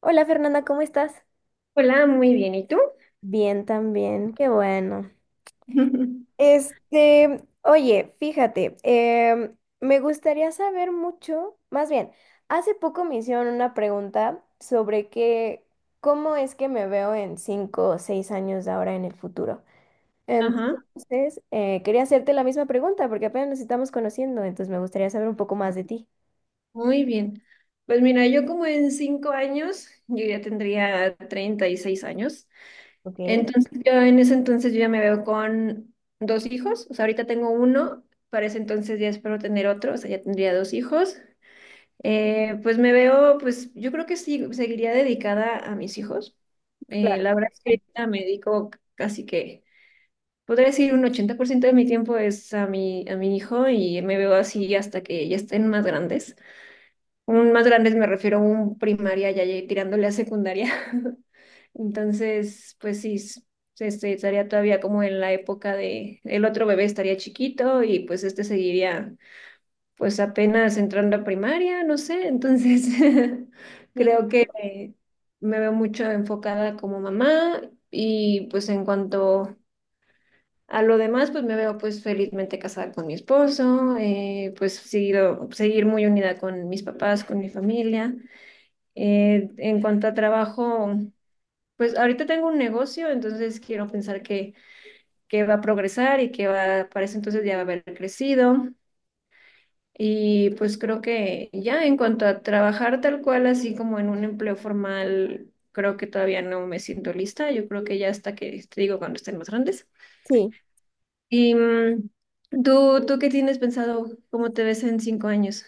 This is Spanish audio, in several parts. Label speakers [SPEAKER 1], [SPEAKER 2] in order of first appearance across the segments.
[SPEAKER 1] Hola Fernanda, ¿cómo estás?
[SPEAKER 2] Hola, muy bien. ¿Y tú?
[SPEAKER 1] Bien, también, qué bueno. Este, oye, fíjate, me gustaría saber mucho, más bien, hace poco me hicieron una pregunta sobre qué, cómo es que me veo en 5 o 6 años de ahora en el futuro.
[SPEAKER 2] Ajá.
[SPEAKER 1] Entonces, quería hacerte la misma pregunta porque apenas nos estamos conociendo, entonces me gustaría saber un poco más de ti.
[SPEAKER 2] Muy bien. Pues mira, yo como en 5 años, yo ya tendría 36 años.
[SPEAKER 1] Ok,
[SPEAKER 2] Entonces yo en ese entonces yo ya me veo con dos hijos. O sea, ahorita tengo uno, para ese entonces ya espero tener otro, o sea, ya tendría dos hijos. Pues me veo, pues yo creo que sí, seguiría dedicada a mis hijos. Eh,
[SPEAKER 1] claro.
[SPEAKER 2] la verdad es que ahorita me dedico casi que podría decir un 80% de mi tiempo es a mi hijo y me veo así hasta que ya estén más grandes. Un más grandes me refiero a un primaria ya ya tirándole a secundaria. Entonces, pues sí, este, estaría todavía como en la época de, el otro bebé estaría chiquito y pues este seguiría pues apenas entrando a primaria, no sé, entonces
[SPEAKER 1] Sí,
[SPEAKER 2] creo que me veo mucho enfocada como mamá y pues en cuanto a lo demás, pues me veo pues felizmente casada con mi esposo, pues seguir muy unida con mis papás, con mi familia. En cuanto a trabajo, pues ahorita tengo un negocio, entonces quiero pensar que va a progresar y para ese entonces ya va a haber crecido. Y pues creo que ya en cuanto a trabajar tal cual, así como en un empleo formal, creo que todavía no me siento lista. Yo creo que ya hasta que, te digo, cuando estén más grandes.
[SPEAKER 1] sí.
[SPEAKER 2] ¿Y tú qué tienes pensado? ¿Cómo te ves en 5 años?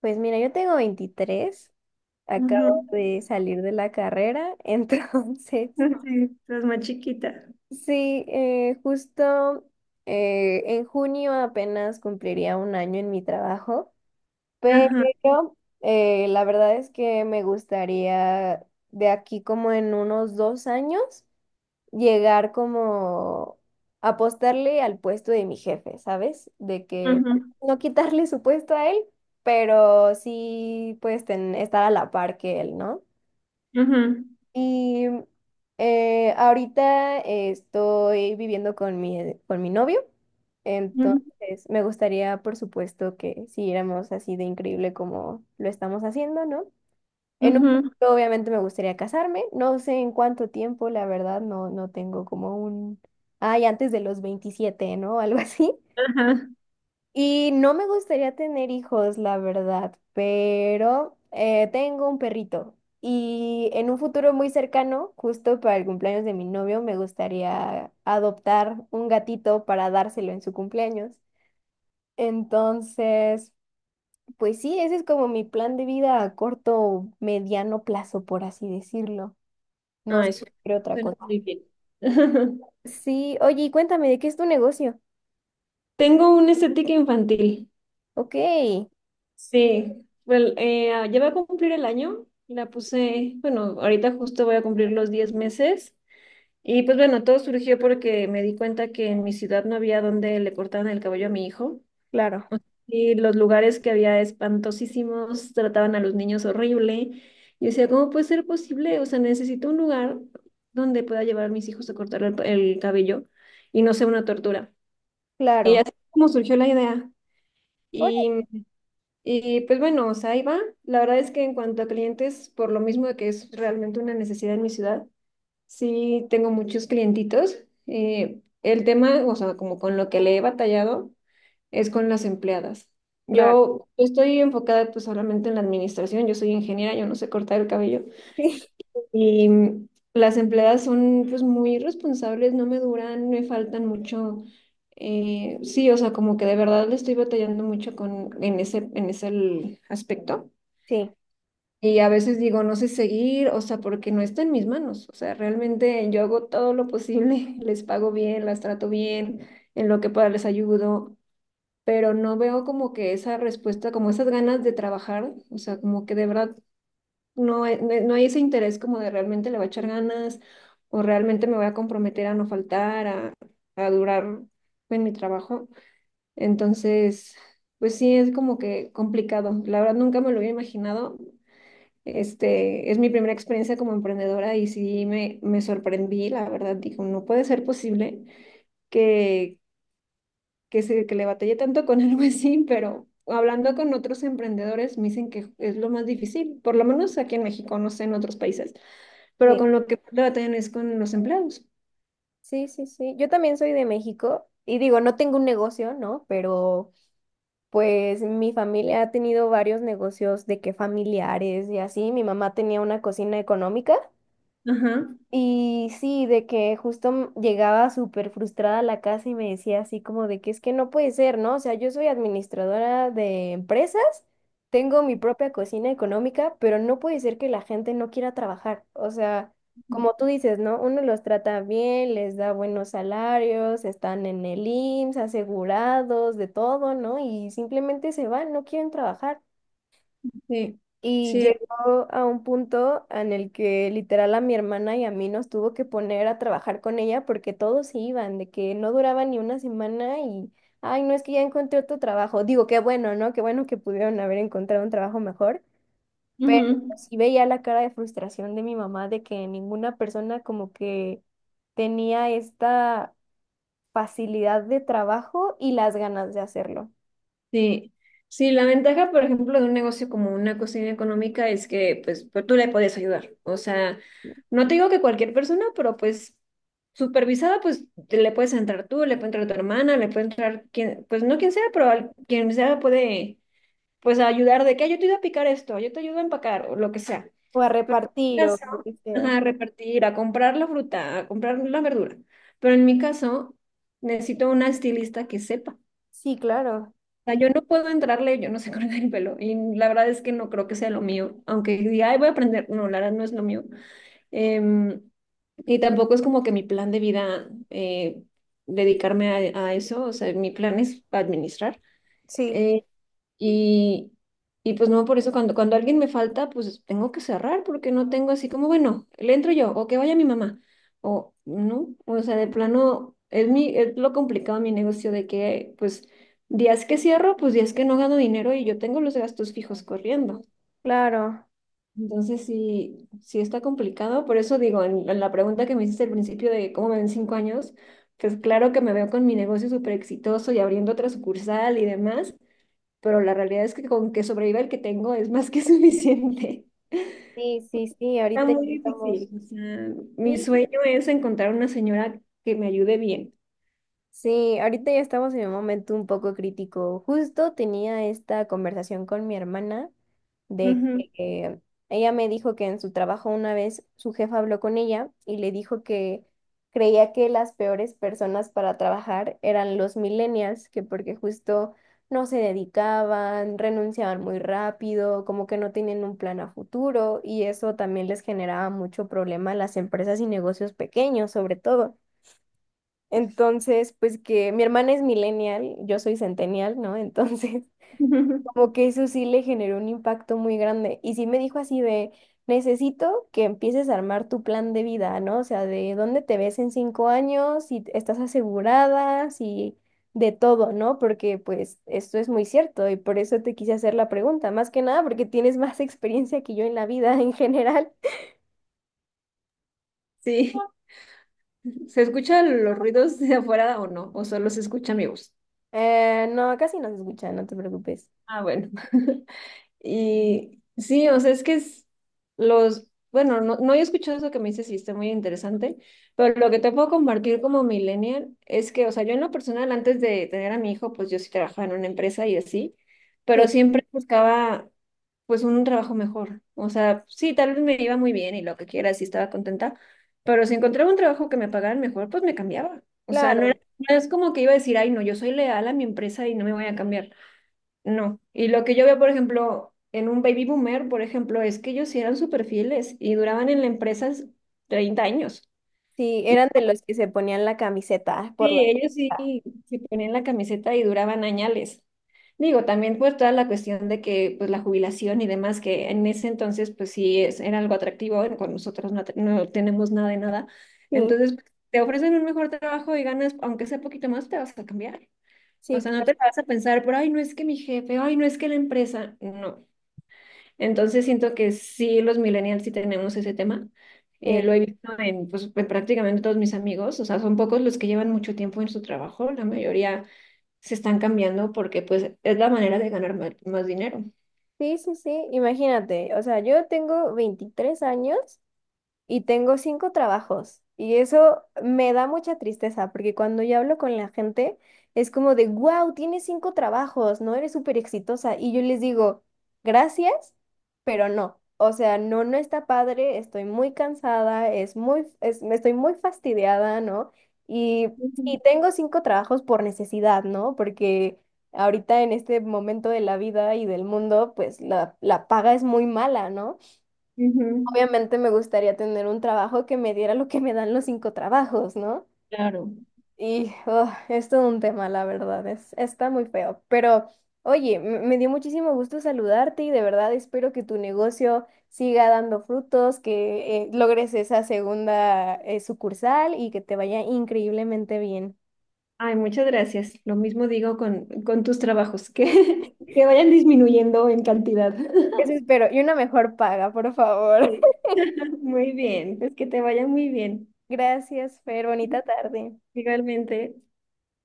[SPEAKER 1] Pues mira, yo tengo 23.
[SPEAKER 2] Ujú.
[SPEAKER 1] Acabo de salir de la carrera, entonces
[SPEAKER 2] Sí, estás más chiquita.
[SPEAKER 1] sí, justo en junio apenas cumpliría un año en mi trabajo,
[SPEAKER 2] Ajá.
[SPEAKER 1] pero la verdad es que me gustaría de aquí como en unos 2 años llegar como apostarle al puesto de mi jefe, ¿sabes? De que
[SPEAKER 2] Ujú,
[SPEAKER 1] no quitarle su puesto a él, pero sí pues estar a la par que él, ¿no?
[SPEAKER 2] ujú,
[SPEAKER 1] Y ahorita estoy viviendo con mi novio,
[SPEAKER 2] ujú,
[SPEAKER 1] entonces me gustaría, por supuesto, que siguiéramos así de increíble como lo estamos haciendo, ¿no? En un
[SPEAKER 2] ujú.
[SPEAKER 1] futuro, obviamente, me gustaría casarme, no sé en cuánto tiempo, la verdad, no, no tengo como un, ay, antes de los 27, ¿no? Algo así.
[SPEAKER 2] Ajá.
[SPEAKER 1] Y no me gustaría tener hijos, la verdad, pero tengo un perrito y en un futuro muy cercano, justo para el cumpleaños de mi novio, me gustaría adoptar un gatito para dárselo en su cumpleaños. Entonces, pues sí, ese es como mi plan de vida a corto, mediano plazo, por así decirlo. No sé
[SPEAKER 2] Ay,
[SPEAKER 1] qué otra
[SPEAKER 2] suena
[SPEAKER 1] cosa.
[SPEAKER 2] muy bien.
[SPEAKER 1] Sí, oye, y cuéntame, ¿de qué es tu negocio?
[SPEAKER 2] Tengo una estética infantil.
[SPEAKER 1] Ok,
[SPEAKER 2] Sí. Well, ya voy a cumplir el año. La puse, bueno, ahorita justo voy a cumplir los 10 meses. Y pues bueno, todo surgió porque me di cuenta que en mi ciudad no había donde le cortaran el cabello a mi hijo.
[SPEAKER 1] claro,
[SPEAKER 2] Y los lugares que había espantosísimos, trataban a los niños horrible. Yo decía, ¿cómo puede ser posible? O sea, necesito un lugar donde pueda llevar a mis hijos a cortar el cabello y no sea una tortura. Y
[SPEAKER 1] claro,
[SPEAKER 2] así es como surgió la idea.
[SPEAKER 1] órale,
[SPEAKER 2] Y, y pues bueno, o sea, ahí va. La verdad es que en cuanto a clientes, por lo mismo de que es realmente una necesidad en mi ciudad, sí tengo muchos clientitos. El tema, o sea, como con lo que le he batallado es con las empleadas.
[SPEAKER 1] claro,
[SPEAKER 2] Yo estoy enfocada pues solamente en la administración, yo soy ingeniera, yo no sé cortar el cabello
[SPEAKER 1] sí,
[SPEAKER 2] y las empleadas son pues muy responsables, no me duran, me faltan mucho. Sí, o sea, como que de verdad le estoy batallando mucho con, en ese el aspecto.
[SPEAKER 1] sí,
[SPEAKER 2] Y a veces digo, no sé seguir, o sea, porque no está en mis manos. O sea, realmente yo hago todo lo posible, les pago bien, las trato bien, en lo que pueda les ayudo, pero no veo como que esa respuesta, como esas ganas de trabajar, o sea, como que de verdad no hay, no hay ese interés como de realmente le voy a echar ganas o realmente me voy a comprometer a no faltar, a, durar en mi trabajo. Entonces, pues sí, es como que complicado. La verdad nunca me lo había imaginado. Este, es mi primera experiencia como emprendedora y sí me sorprendí, la verdad, digo, no puede ser posible que que le batallé tanto con algo así, pero hablando con otros emprendedores me dicen que es lo más difícil, por lo menos aquí en México, no sé, en otros países, pero
[SPEAKER 1] sí.
[SPEAKER 2] con lo que más le batallan es con los empleados.
[SPEAKER 1] Sí, sí, sí. Yo también soy de México y digo, no tengo un negocio, ¿no? Pero pues mi familia ha tenido varios negocios de que familiares y así. Mi mamá tenía una cocina económica
[SPEAKER 2] Ajá,
[SPEAKER 1] y sí, de que justo llegaba súper frustrada a la casa y me decía así como de que es que no puede ser, ¿no? O sea, yo soy administradora de empresas, tengo mi propia cocina económica, pero no puede ser que la gente no quiera trabajar. O sea, como tú dices, ¿no? Uno los trata bien, les da buenos salarios, están en el IMSS, asegurados, de todo, ¿no? Y simplemente se van, no quieren trabajar.
[SPEAKER 2] sí,
[SPEAKER 1] Y
[SPEAKER 2] sí,
[SPEAKER 1] llegó a un punto en el que literal a mi hermana y a mí nos tuvo que poner a trabajar con ella porque todos se iban, de que no duraba ni una semana y, ay, no es que ya encontré otro trabajo. Digo, qué bueno, ¿no? Qué bueno que pudieron haber encontrado un trabajo mejor.
[SPEAKER 2] ujú.
[SPEAKER 1] Sí veía la cara de frustración de mi mamá de que ninguna persona como que tenía esta facilidad de trabajo y las ganas de hacerlo.
[SPEAKER 2] Sí. Sí, la ventaja, por ejemplo, de un negocio como una cocina económica es que pues, tú le puedes ayudar. O sea, no te digo que cualquier persona, pero pues supervisada, pues le puedes entrar tú, le puede entrar tu hermana, le puede entrar quien, pues no quien sea, pero quien sea puede pues a ayudar de que "Ay, yo te ayudo a picar esto, yo te ayudo a empacar o lo que sea."
[SPEAKER 1] O a
[SPEAKER 2] Pero
[SPEAKER 1] repartir
[SPEAKER 2] en mi
[SPEAKER 1] o
[SPEAKER 2] caso,
[SPEAKER 1] lo que sea.
[SPEAKER 2] ajá, a repartir, a comprar la fruta, a comprar la verdura. Pero en mi caso, necesito una estilista que sepa.
[SPEAKER 1] Sí, claro.
[SPEAKER 2] O sea, yo no puedo entrarle, yo no sé cortar el pelo. Y la verdad es que no creo que sea lo mío. Aunque diga, ay, voy a aprender. No, la verdad no es lo mío. Em, y tampoco es como que mi plan de vida dedicarme a eso. O sea, mi plan es administrar.
[SPEAKER 1] Sí.
[SPEAKER 2] Eh, y, y pues no, por eso cuando alguien me falta, pues tengo que cerrar porque no tengo así como, bueno, le entro yo o que vaya mi mamá. O no, o sea, de plano, es lo complicado de mi negocio de que pues días que cierro, pues días que no gano dinero y yo tengo los gastos fijos corriendo.
[SPEAKER 1] Claro.
[SPEAKER 2] Entonces sí, sí está complicado. Por eso digo, en la pregunta que me hiciste al principio de cómo me ven 5 años, pues claro que me veo con mi negocio súper exitoso y abriendo otra sucursal y demás, pero la realidad es que con que sobreviva el que tengo es más que suficiente.
[SPEAKER 1] Sí, sí, sí,
[SPEAKER 2] Está
[SPEAKER 1] ahorita ya
[SPEAKER 2] muy
[SPEAKER 1] estamos.
[SPEAKER 2] difícil. O sea, mi
[SPEAKER 1] Sí,
[SPEAKER 2] sueño es encontrar una señora que me ayude bien.
[SPEAKER 1] sí, ahorita ya estamos en un momento un poco crítico. Justo tenía esta conversación con mi hermana de
[SPEAKER 2] Ujú.
[SPEAKER 1] que ella me dijo que en su trabajo una vez su jefa habló con ella y le dijo que creía que las peores personas para trabajar eran los millennials, que porque justo no se dedicaban, renunciaban muy rápido, como que no tenían un plan a futuro y eso también les generaba mucho problema a las empresas y negocios pequeños, sobre todo. Entonces, pues que mi hermana es millennial, yo soy centennial, ¿no? Entonces, como que eso sí le generó un impacto muy grande. Y sí me dijo así de, necesito que empieces a armar tu plan de vida, ¿no? O sea, de dónde te ves en 5 años, si estás asegurada, si de todo, ¿no? Porque pues esto es muy cierto y por eso te quise hacer la pregunta, más que nada porque tienes más experiencia que yo en la vida en general.
[SPEAKER 2] Sí. ¿Se escuchan los ruidos de afuera o no? ¿O solo se escucha mi voz?
[SPEAKER 1] No, casi no se escucha, no te preocupes.
[SPEAKER 2] Ah, bueno. Y sí, o sea, es que es los, bueno, no, no he escuchado eso que me dices y está muy interesante, pero lo que te puedo compartir como millennial es que, o sea, yo en lo personal, antes de tener a mi hijo, pues yo sí trabajaba en una empresa y así, pero
[SPEAKER 1] Sí,
[SPEAKER 2] siempre buscaba pues un trabajo mejor. O sea, sí, tal vez me iba muy bien y lo que quiera, sí estaba contenta, pero si encontraba un trabajo que me pagaran mejor, pues me cambiaba. O sea, no
[SPEAKER 1] claro.
[SPEAKER 2] era, no es como que iba a decir, ay, no, yo soy leal a mi empresa y no me voy a cambiar. No, y lo que yo veo, por ejemplo, en un baby boomer, por ejemplo, es que ellos sí eran súper fieles y duraban en la empresa 30 años.
[SPEAKER 1] Sí, eran de los que se ponían la camiseta por
[SPEAKER 2] Sí,
[SPEAKER 1] la...
[SPEAKER 2] ellos sí se ponían la camiseta y duraban añales. Digo, también pues toda la cuestión de que pues la jubilación y demás, que en ese entonces pues sí era algo atractivo, con nosotros no, no tenemos nada de nada.
[SPEAKER 1] Sí,
[SPEAKER 2] Entonces pues, te ofrecen un mejor trabajo y ganas, aunque sea poquito más, te vas a cambiar. O
[SPEAKER 1] sí,
[SPEAKER 2] sea, no te
[SPEAKER 1] claro,
[SPEAKER 2] vas a pensar, pero ay, no es que mi jefe, ay, no es que la empresa, no. Entonces siento que sí, los millennials sí tenemos ese tema. Eh,
[SPEAKER 1] sí.
[SPEAKER 2] lo he visto en, pues, en prácticamente todos mis amigos, o sea, son pocos los que llevan mucho tiempo en su trabajo, la mayoría se están cambiando porque pues es la manera de ganar más, dinero.
[SPEAKER 1] Sí, sí, sí, imagínate, o sea, yo tengo 23 años y tengo cinco trabajos. Y eso me da mucha tristeza, porque cuando yo hablo con la gente, es como de, wow, tienes cinco trabajos, ¿no? Eres súper exitosa. Y yo les digo, gracias, pero no. O sea, no, no está padre, estoy muy cansada, me estoy muy fastidiada, ¿no? Y,
[SPEAKER 2] Ujú,
[SPEAKER 1] y tengo cinco trabajos por necesidad, ¿no? Porque ahorita en este momento de la vida y del mundo, pues la paga es muy mala, ¿no?
[SPEAKER 2] ujú.
[SPEAKER 1] Obviamente me gustaría tener un trabajo que me diera lo que me dan los cinco trabajos, ¿no?
[SPEAKER 2] Claro.
[SPEAKER 1] Y oh, es todo un tema, la verdad, es, está muy feo. Pero oye, me dio muchísimo gusto saludarte y de verdad espero que tu negocio siga dando frutos, que logres esa segunda sucursal y que te vaya increíblemente bien.
[SPEAKER 2] Ay, muchas gracias. Lo mismo digo con, tus trabajos, que, que vayan disminuyendo en cantidad.
[SPEAKER 1] Eso espero. Y una mejor paga, por favor.
[SPEAKER 2] Sí. Muy bien, pues que te vaya muy bien.
[SPEAKER 1] Gracias, Fer. Bonita tarde.
[SPEAKER 2] Igualmente.